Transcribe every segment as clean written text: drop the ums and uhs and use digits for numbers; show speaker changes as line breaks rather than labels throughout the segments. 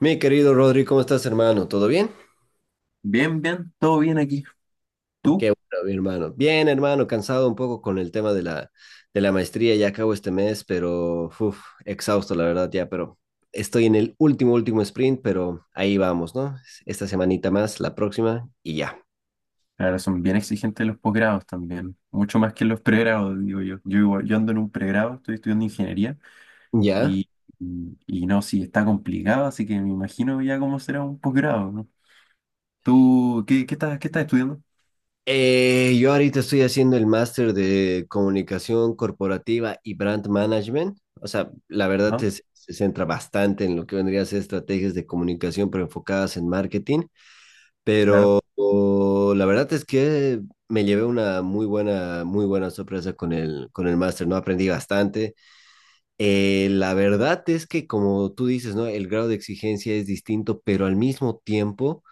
Mi querido Rodri, ¿cómo estás, hermano? ¿Todo bien?
Bien, bien, todo bien aquí. ¿Tú?
Qué bueno, mi hermano. Bien, hermano, cansado un poco con el tema de la maestría. Ya acabo este mes, pero uf, exhausto, la verdad, ya, pero estoy en el último, último sprint, pero ahí vamos, ¿no? Esta semanita más, la próxima, y ya.
Ahora son bien exigentes los posgrados también, mucho más que los pregrados, digo yo. Yo, igual- yo ando en un pregrado, estoy estudiando ingeniería
Ya.
y, y no, sí, está complicado, así que me imagino ya cómo será un posgrado, ¿no? ¿Tú qué, qué estás estudiando?
Yo ahorita estoy haciendo el máster de comunicación corporativa y brand management. O sea,
Ah.
se centra bastante en lo que vendría a ser estrategias de comunicación, pero enfocadas en marketing.
Claro,
La verdad es que me llevé una muy buena sorpresa con el máster, ¿no? Aprendí bastante. La verdad es que, como tú dices, ¿no? El grado de exigencia es distinto, pero al mismo tiempo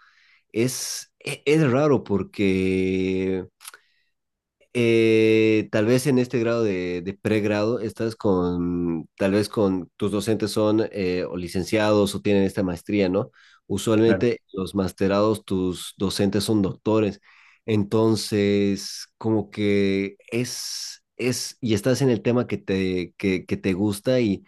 es raro porque tal vez en este grado de pregrado estás con, tal vez con tus docentes son o licenciados o tienen esta maestría, ¿no?
claro,
Usualmente los masterados, tus docentes son doctores. Entonces, como que y estás en el tema que que te gusta. Y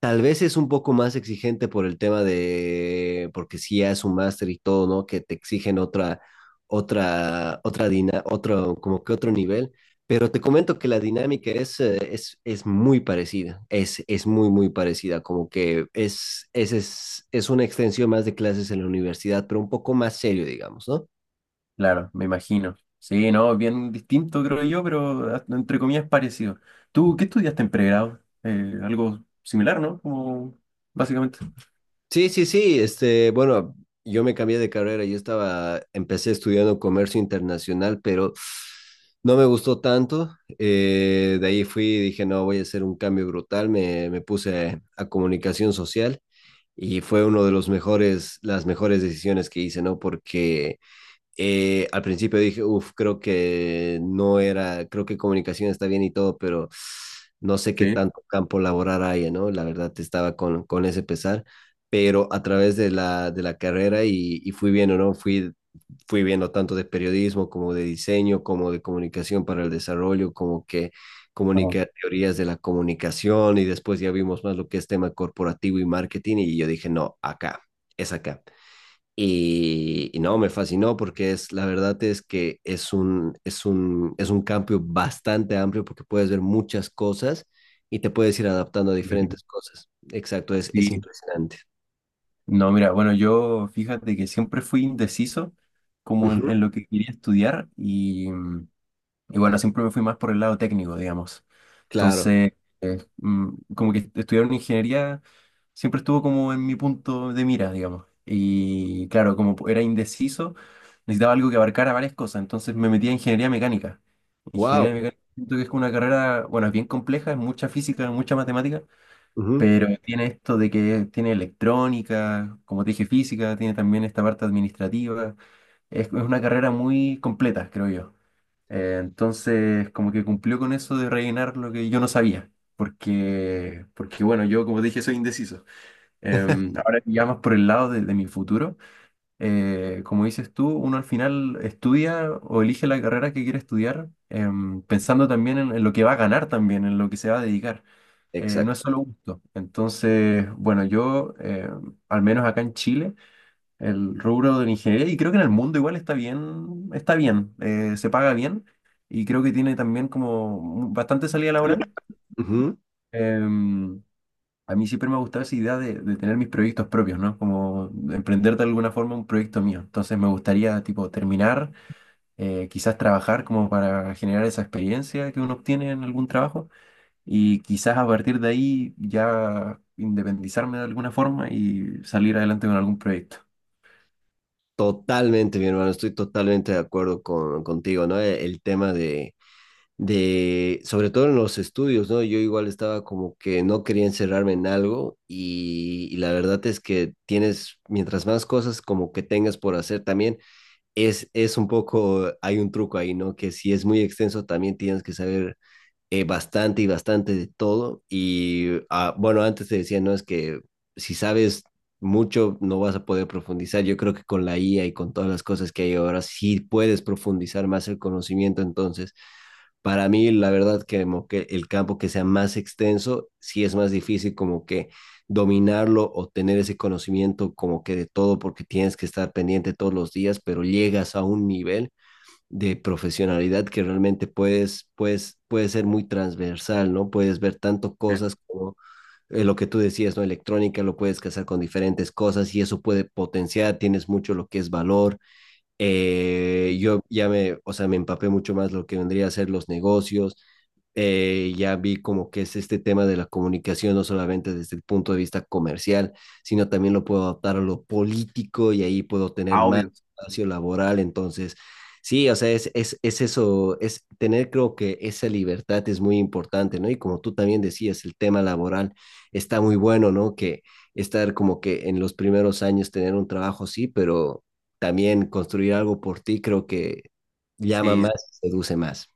tal vez es un poco más exigente por el tema de, porque si ya es un máster y todo, ¿no? Que te exigen otra como que otro nivel. Pero te comento que la dinámica es muy parecida, es muy, muy parecida, como que es una extensión más de clases en la universidad, pero un poco más serio, digamos, ¿no?
claro, me imagino. Sí, no, bien distinto creo yo, pero hasta entre comillas parecido. ¿Tú qué estudiaste en pregrado? Algo similar, ¿no? Como básicamente.
Sí, sí, sí, este, bueno, yo me cambié de carrera, empecé estudiando comercio internacional, pero no me gustó tanto. De ahí fui y dije, no, voy a hacer un cambio brutal, me puse a comunicación social y fue uno de los mejores, las mejores decisiones que hice, ¿no? Porque al principio dije, uff, creo que no era, creo que comunicación está bien y todo, pero no sé qué
Sí.
tanto campo laboral haya, ¿no? La verdad estaba con ese pesar, pero a través de la carrera y fui viendo, ¿no? Fui viendo tanto de periodismo como de diseño, como de comunicación para el desarrollo, como que
Ah,
comunica teorías de la comunicación, y después ya vimos más lo que es tema corporativo y marketing y yo dije, no, acá, es acá. Y no, me fascinó porque la verdad es que es es un cambio bastante amplio porque puedes ver muchas cosas y te puedes ir adaptando a
lógico.
diferentes cosas. Exacto, es
Sí.
impresionante.
No, mira, bueno, yo fíjate que siempre fui indeciso como
Ujú,
en lo que quería estudiar y, y bueno, siempre me fui más por el lado técnico, digamos.
claro.
Entonces, eh, mm, como que estudiar una ingeniería siempre estuvo como en mi punto de mira, digamos. Y claro, como era indeciso, necesitaba algo que abarcara varias cosas, entonces me metí a ingeniería mecánica. Ingeniería
Wow.
mecánica siento que es una carrera, bueno, es bien compleja, es mucha física, mucha matemática. Pero tiene esto de que tiene electrónica, como te dije, física, tiene también esta parte administrativa. Es una carrera muy completa, creo yo. Entonces, como que cumplió con eso de rellenar lo que yo no sabía. Porque, porque bueno, yo como te dije, soy indeciso. Ahora ya más por el lado de mi futuro, como dices tú, uno al final estudia o elige la carrera que quiere estudiar, pensando también en lo que va a ganar también, en lo que se va a dedicar. No
Exacto.
es solo gusto. Entonces, bueno, yo, al menos acá en Chile, el rubro de la ingeniería, y creo que en el mundo igual está bien, se paga bien, y creo que tiene también como bastante salida laboral.
Ujú.
Em, a mí siempre me ha gustado esa idea de tener mis proyectos propios, ¿no? Como de emprender de alguna forma un proyecto mío. Entonces me gustaría, tipo, terminar, quizás trabajar como para generar esa experiencia que uno obtiene en algún trabajo y quizás a partir de ahí ya independizarme de alguna forma y salir adelante con algún proyecto.
Totalmente, mi hermano, estoy totalmente de acuerdo contigo, ¿no? El tema sobre todo en los estudios, ¿no? Yo igual estaba como que no quería encerrarme en algo, y la verdad es que tienes, mientras más cosas como que tengas por hacer también, es un poco, hay un truco ahí, ¿no? Que si es muy extenso también tienes que saber bastante y bastante de todo. Y, ah, bueno, antes te decía, ¿no? Es que si sabes... mucho no vas a poder profundizar. Yo creo que con la IA y con todas las cosas que hay ahora, sí puedes profundizar más el conocimiento. Entonces, para mí, la verdad, que, como que el campo que sea más extenso, sí es más difícil como que dominarlo o tener ese conocimiento como que de todo, porque tienes que estar pendiente todos los días, pero llegas a un nivel de profesionalidad que realmente puede ser muy transversal, ¿no? Puedes ver tanto
Bien.
cosas como lo que tú decías, ¿no? Electrónica, lo puedes casar con diferentes cosas y eso puede potenciar, tienes mucho lo que es valor. O sea, me empapé mucho más lo que vendría a ser los negocios. Ya vi como que es este tema de la comunicación, no solamente desde el punto de vista comercial, sino también lo puedo adaptar a lo político, y ahí puedo tener
Ah,
más
obvio.
espacio laboral. Entonces, sí, o sea, es eso, es tener, creo que esa libertad es muy importante, ¿no? Y como tú también decías, el tema laboral está muy bueno, ¿no? Que estar como que en los primeros años tener un trabajo, sí, pero también construir algo por ti creo que llama
Sí,
más, seduce más.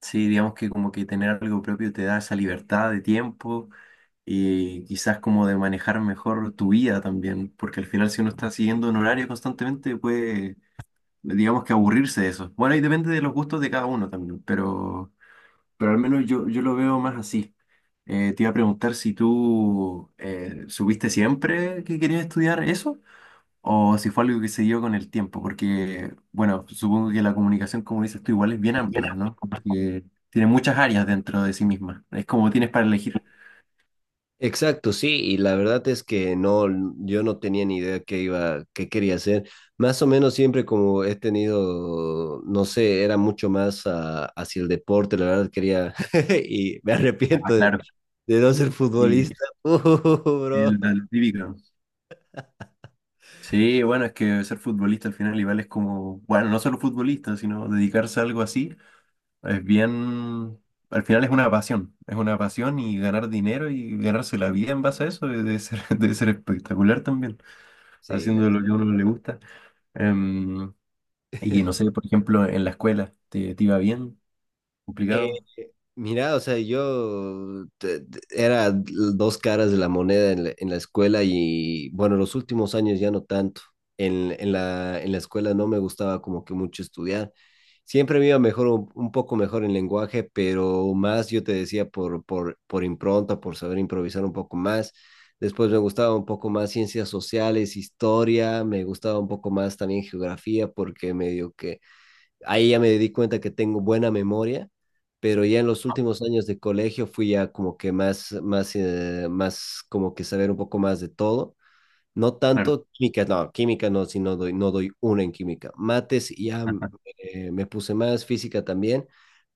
sí, digamos que como que tener algo propio te da esa libertad de tiempo y quizás como de manejar mejor tu vida también, porque al final si uno está siguiendo un horario constantemente puede, digamos que aburrirse de eso. Bueno, y depende de los gustos de cada uno también, pero al menos yo, yo lo veo más así. Te iba a preguntar si tú supiste siempre que querías estudiar eso o si fue algo que se dio con el tiempo, porque, bueno, supongo que la comunicación, como dices tú, igual es bien amplia, ¿no? Como que tiene muchas áreas dentro de sí misma, es como tienes para elegir.
Exacto, sí, y la verdad es que no, yo no tenía ni idea qué iba, qué quería hacer. Más o menos siempre como he tenido, no sé, era mucho más ah, hacia el deporte, la verdad quería, y me
Ah,
arrepiento
claro.
de no ser
Y
futbolista. Uh, bro.
el típico. Sí, bueno, es que ser futbolista al final igual es como, bueno, no solo futbolista, sino dedicarse a algo así. Es bien, al final es una pasión y ganar dinero y ganarse la vida en base a eso debe ser, debe ser espectacular también,
Sí, la
haciendo lo
verdad.
que a uno le gusta. Em, y no sé, por ejemplo, en la escuela, ¿te, te iba bien? ¿Complicado?
Mira, o sea, era dos caras de la moneda en la escuela, y bueno, los últimos años ya no tanto. En la escuela no me gustaba como que mucho estudiar. Siempre me iba mejor, un poco mejor en lenguaje, pero más yo te decía por impronta, por saber improvisar un poco más. Después me gustaba un poco más ciencias sociales, historia, me gustaba un poco más también geografía porque medio que ahí ya me di cuenta que tengo buena memoria, pero ya en los últimos años de colegio fui ya como que más, más como que saber un poco más de todo. No
Claro.
tanto química no, si no doy, no doy una en química. Mates ya
Ajá.
me puse más física también,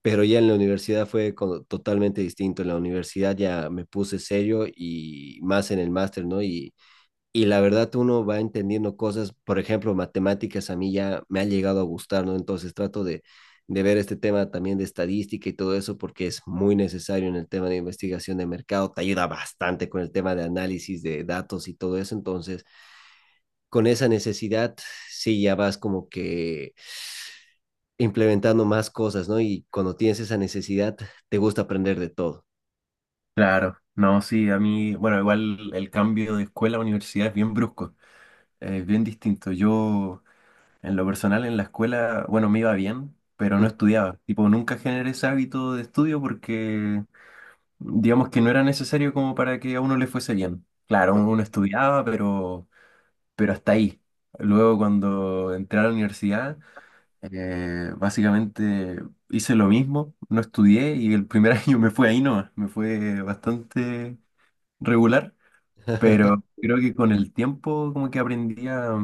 pero ya en la universidad totalmente distinto. En la universidad ya me puse serio, y más en el máster, ¿no? Y la verdad uno va entendiendo cosas, por ejemplo, matemáticas a mí ya me ha llegado a gustar, ¿no? Entonces trato de ver este tema también de estadística y todo eso, porque es muy necesario en el tema de investigación de mercado, te ayuda bastante con el tema de análisis de datos y todo eso. Entonces, con esa necesidad sí ya vas como que implementando más cosas, ¿no? Y cuando tienes esa necesidad, te gusta aprender de todo.
Claro, no, sí, a mí, bueno, igual el cambio de escuela a universidad es bien brusco, es bien distinto. Yo, en lo personal, en la escuela, bueno, me iba bien, pero no estudiaba. Tipo, nunca generé ese hábito de estudio porque digamos que no era necesario como para que a uno le fuese bien. Claro, uno estudiaba, pero hasta ahí. Luego cuando entré a la universidad, básicamente hice lo mismo, no estudié y el primer año me fue ahí nomás, me fue bastante regular, pero creo que con el tiempo como que aprendí a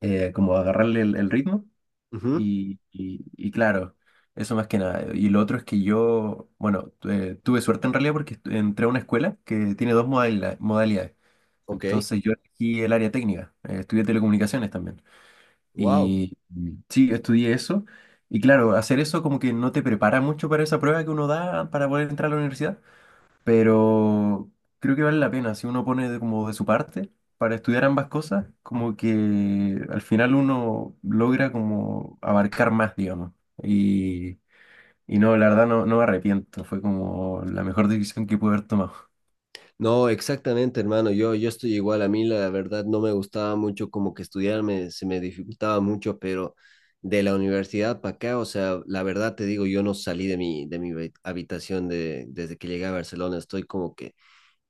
como agarrarle el ritmo
Ujú,
y, y claro, eso más que nada. Y lo otro es que yo, bueno, tuve suerte en realidad porque entré a una escuela que tiene dos modalidades.
ok,
Entonces yo elegí el área técnica, estudié telecomunicaciones también.
wow.
Y sí, estudié eso. Y claro, hacer eso como que no te prepara mucho para esa prueba que uno da para poder entrar a la universidad, pero creo que vale la pena si uno pone de, como de su parte para estudiar ambas cosas, como que al final uno logra como abarcar más, digamos. Y, y no, la verdad no, no me arrepiento, fue como la mejor decisión que pude haber tomado.
No, exactamente, hermano. Yo estoy igual. A mí, la verdad, no me gustaba mucho como que estudiar, se me dificultaba mucho, pero de la universidad para acá, o sea, la verdad te digo, yo no salí de mi, habitación, desde que llegué a Barcelona. Estoy como que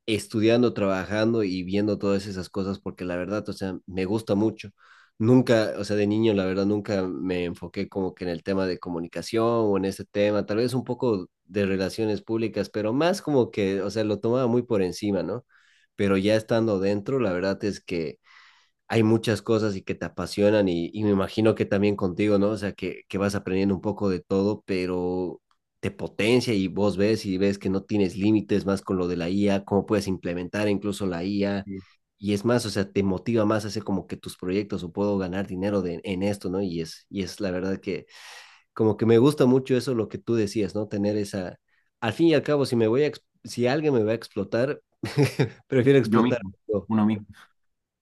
estudiando, trabajando y viendo todas esas cosas porque la verdad, o sea, me gusta mucho. Nunca, o sea, de niño, la verdad, nunca me enfoqué como que en el tema de comunicación o en ese tema, tal vez un poco de relaciones públicas, pero más como que, o sea, lo tomaba muy por encima, ¿no? Pero ya estando dentro, la verdad es que hay muchas cosas y que te apasionan, y me imagino que también contigo, ¿no? O sea, que vas aprendiendo un poco de todo, pero te potencia y vos ves y ves que no tienes límites más con lo de la IA, cómo puedes implementar incluso la IA.
Sí.
Y es más, o sea, te motiva más a hacer como que tus proyectos, o puedo ganar dinero de, en esto, ¿no? Y es la verdad que como que me gusta mucho eso, lo que tú decías, ¿no? Tener esa, al fin y al cabo, si me voy a, si alguien me va a explotar, prefiero
Yo
explotar.
mismo,
Yo.
uno mismo.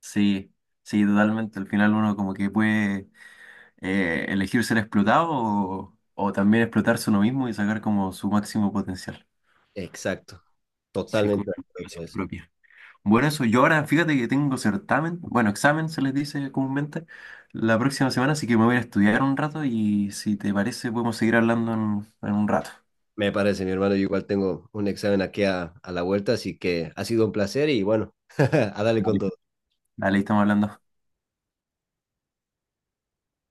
Sí, sí, totalmente. Al final uno como que puede elegir ser explotado o también explotarse uno mismo y sacar como su máximo potencial.
Exacto.
Sí, es
Totalmente
como
de
una
acuerdo con
motivación
eso.
propia. Bueno, eso yo ahora, fíjate que tengo certamen, bueno, examen se les dice comúnmente, la próxima semana, así que me voy a ir a estudiar un rato y si te parece podemos seguir hablando en un rato.
Me parece, mi hermano. Yo igual tengo un examen aquí a la vuelta, así que ha sido un placer y bueno, a darle con
Dale.
todo.
Dale, ahí estamos hablando.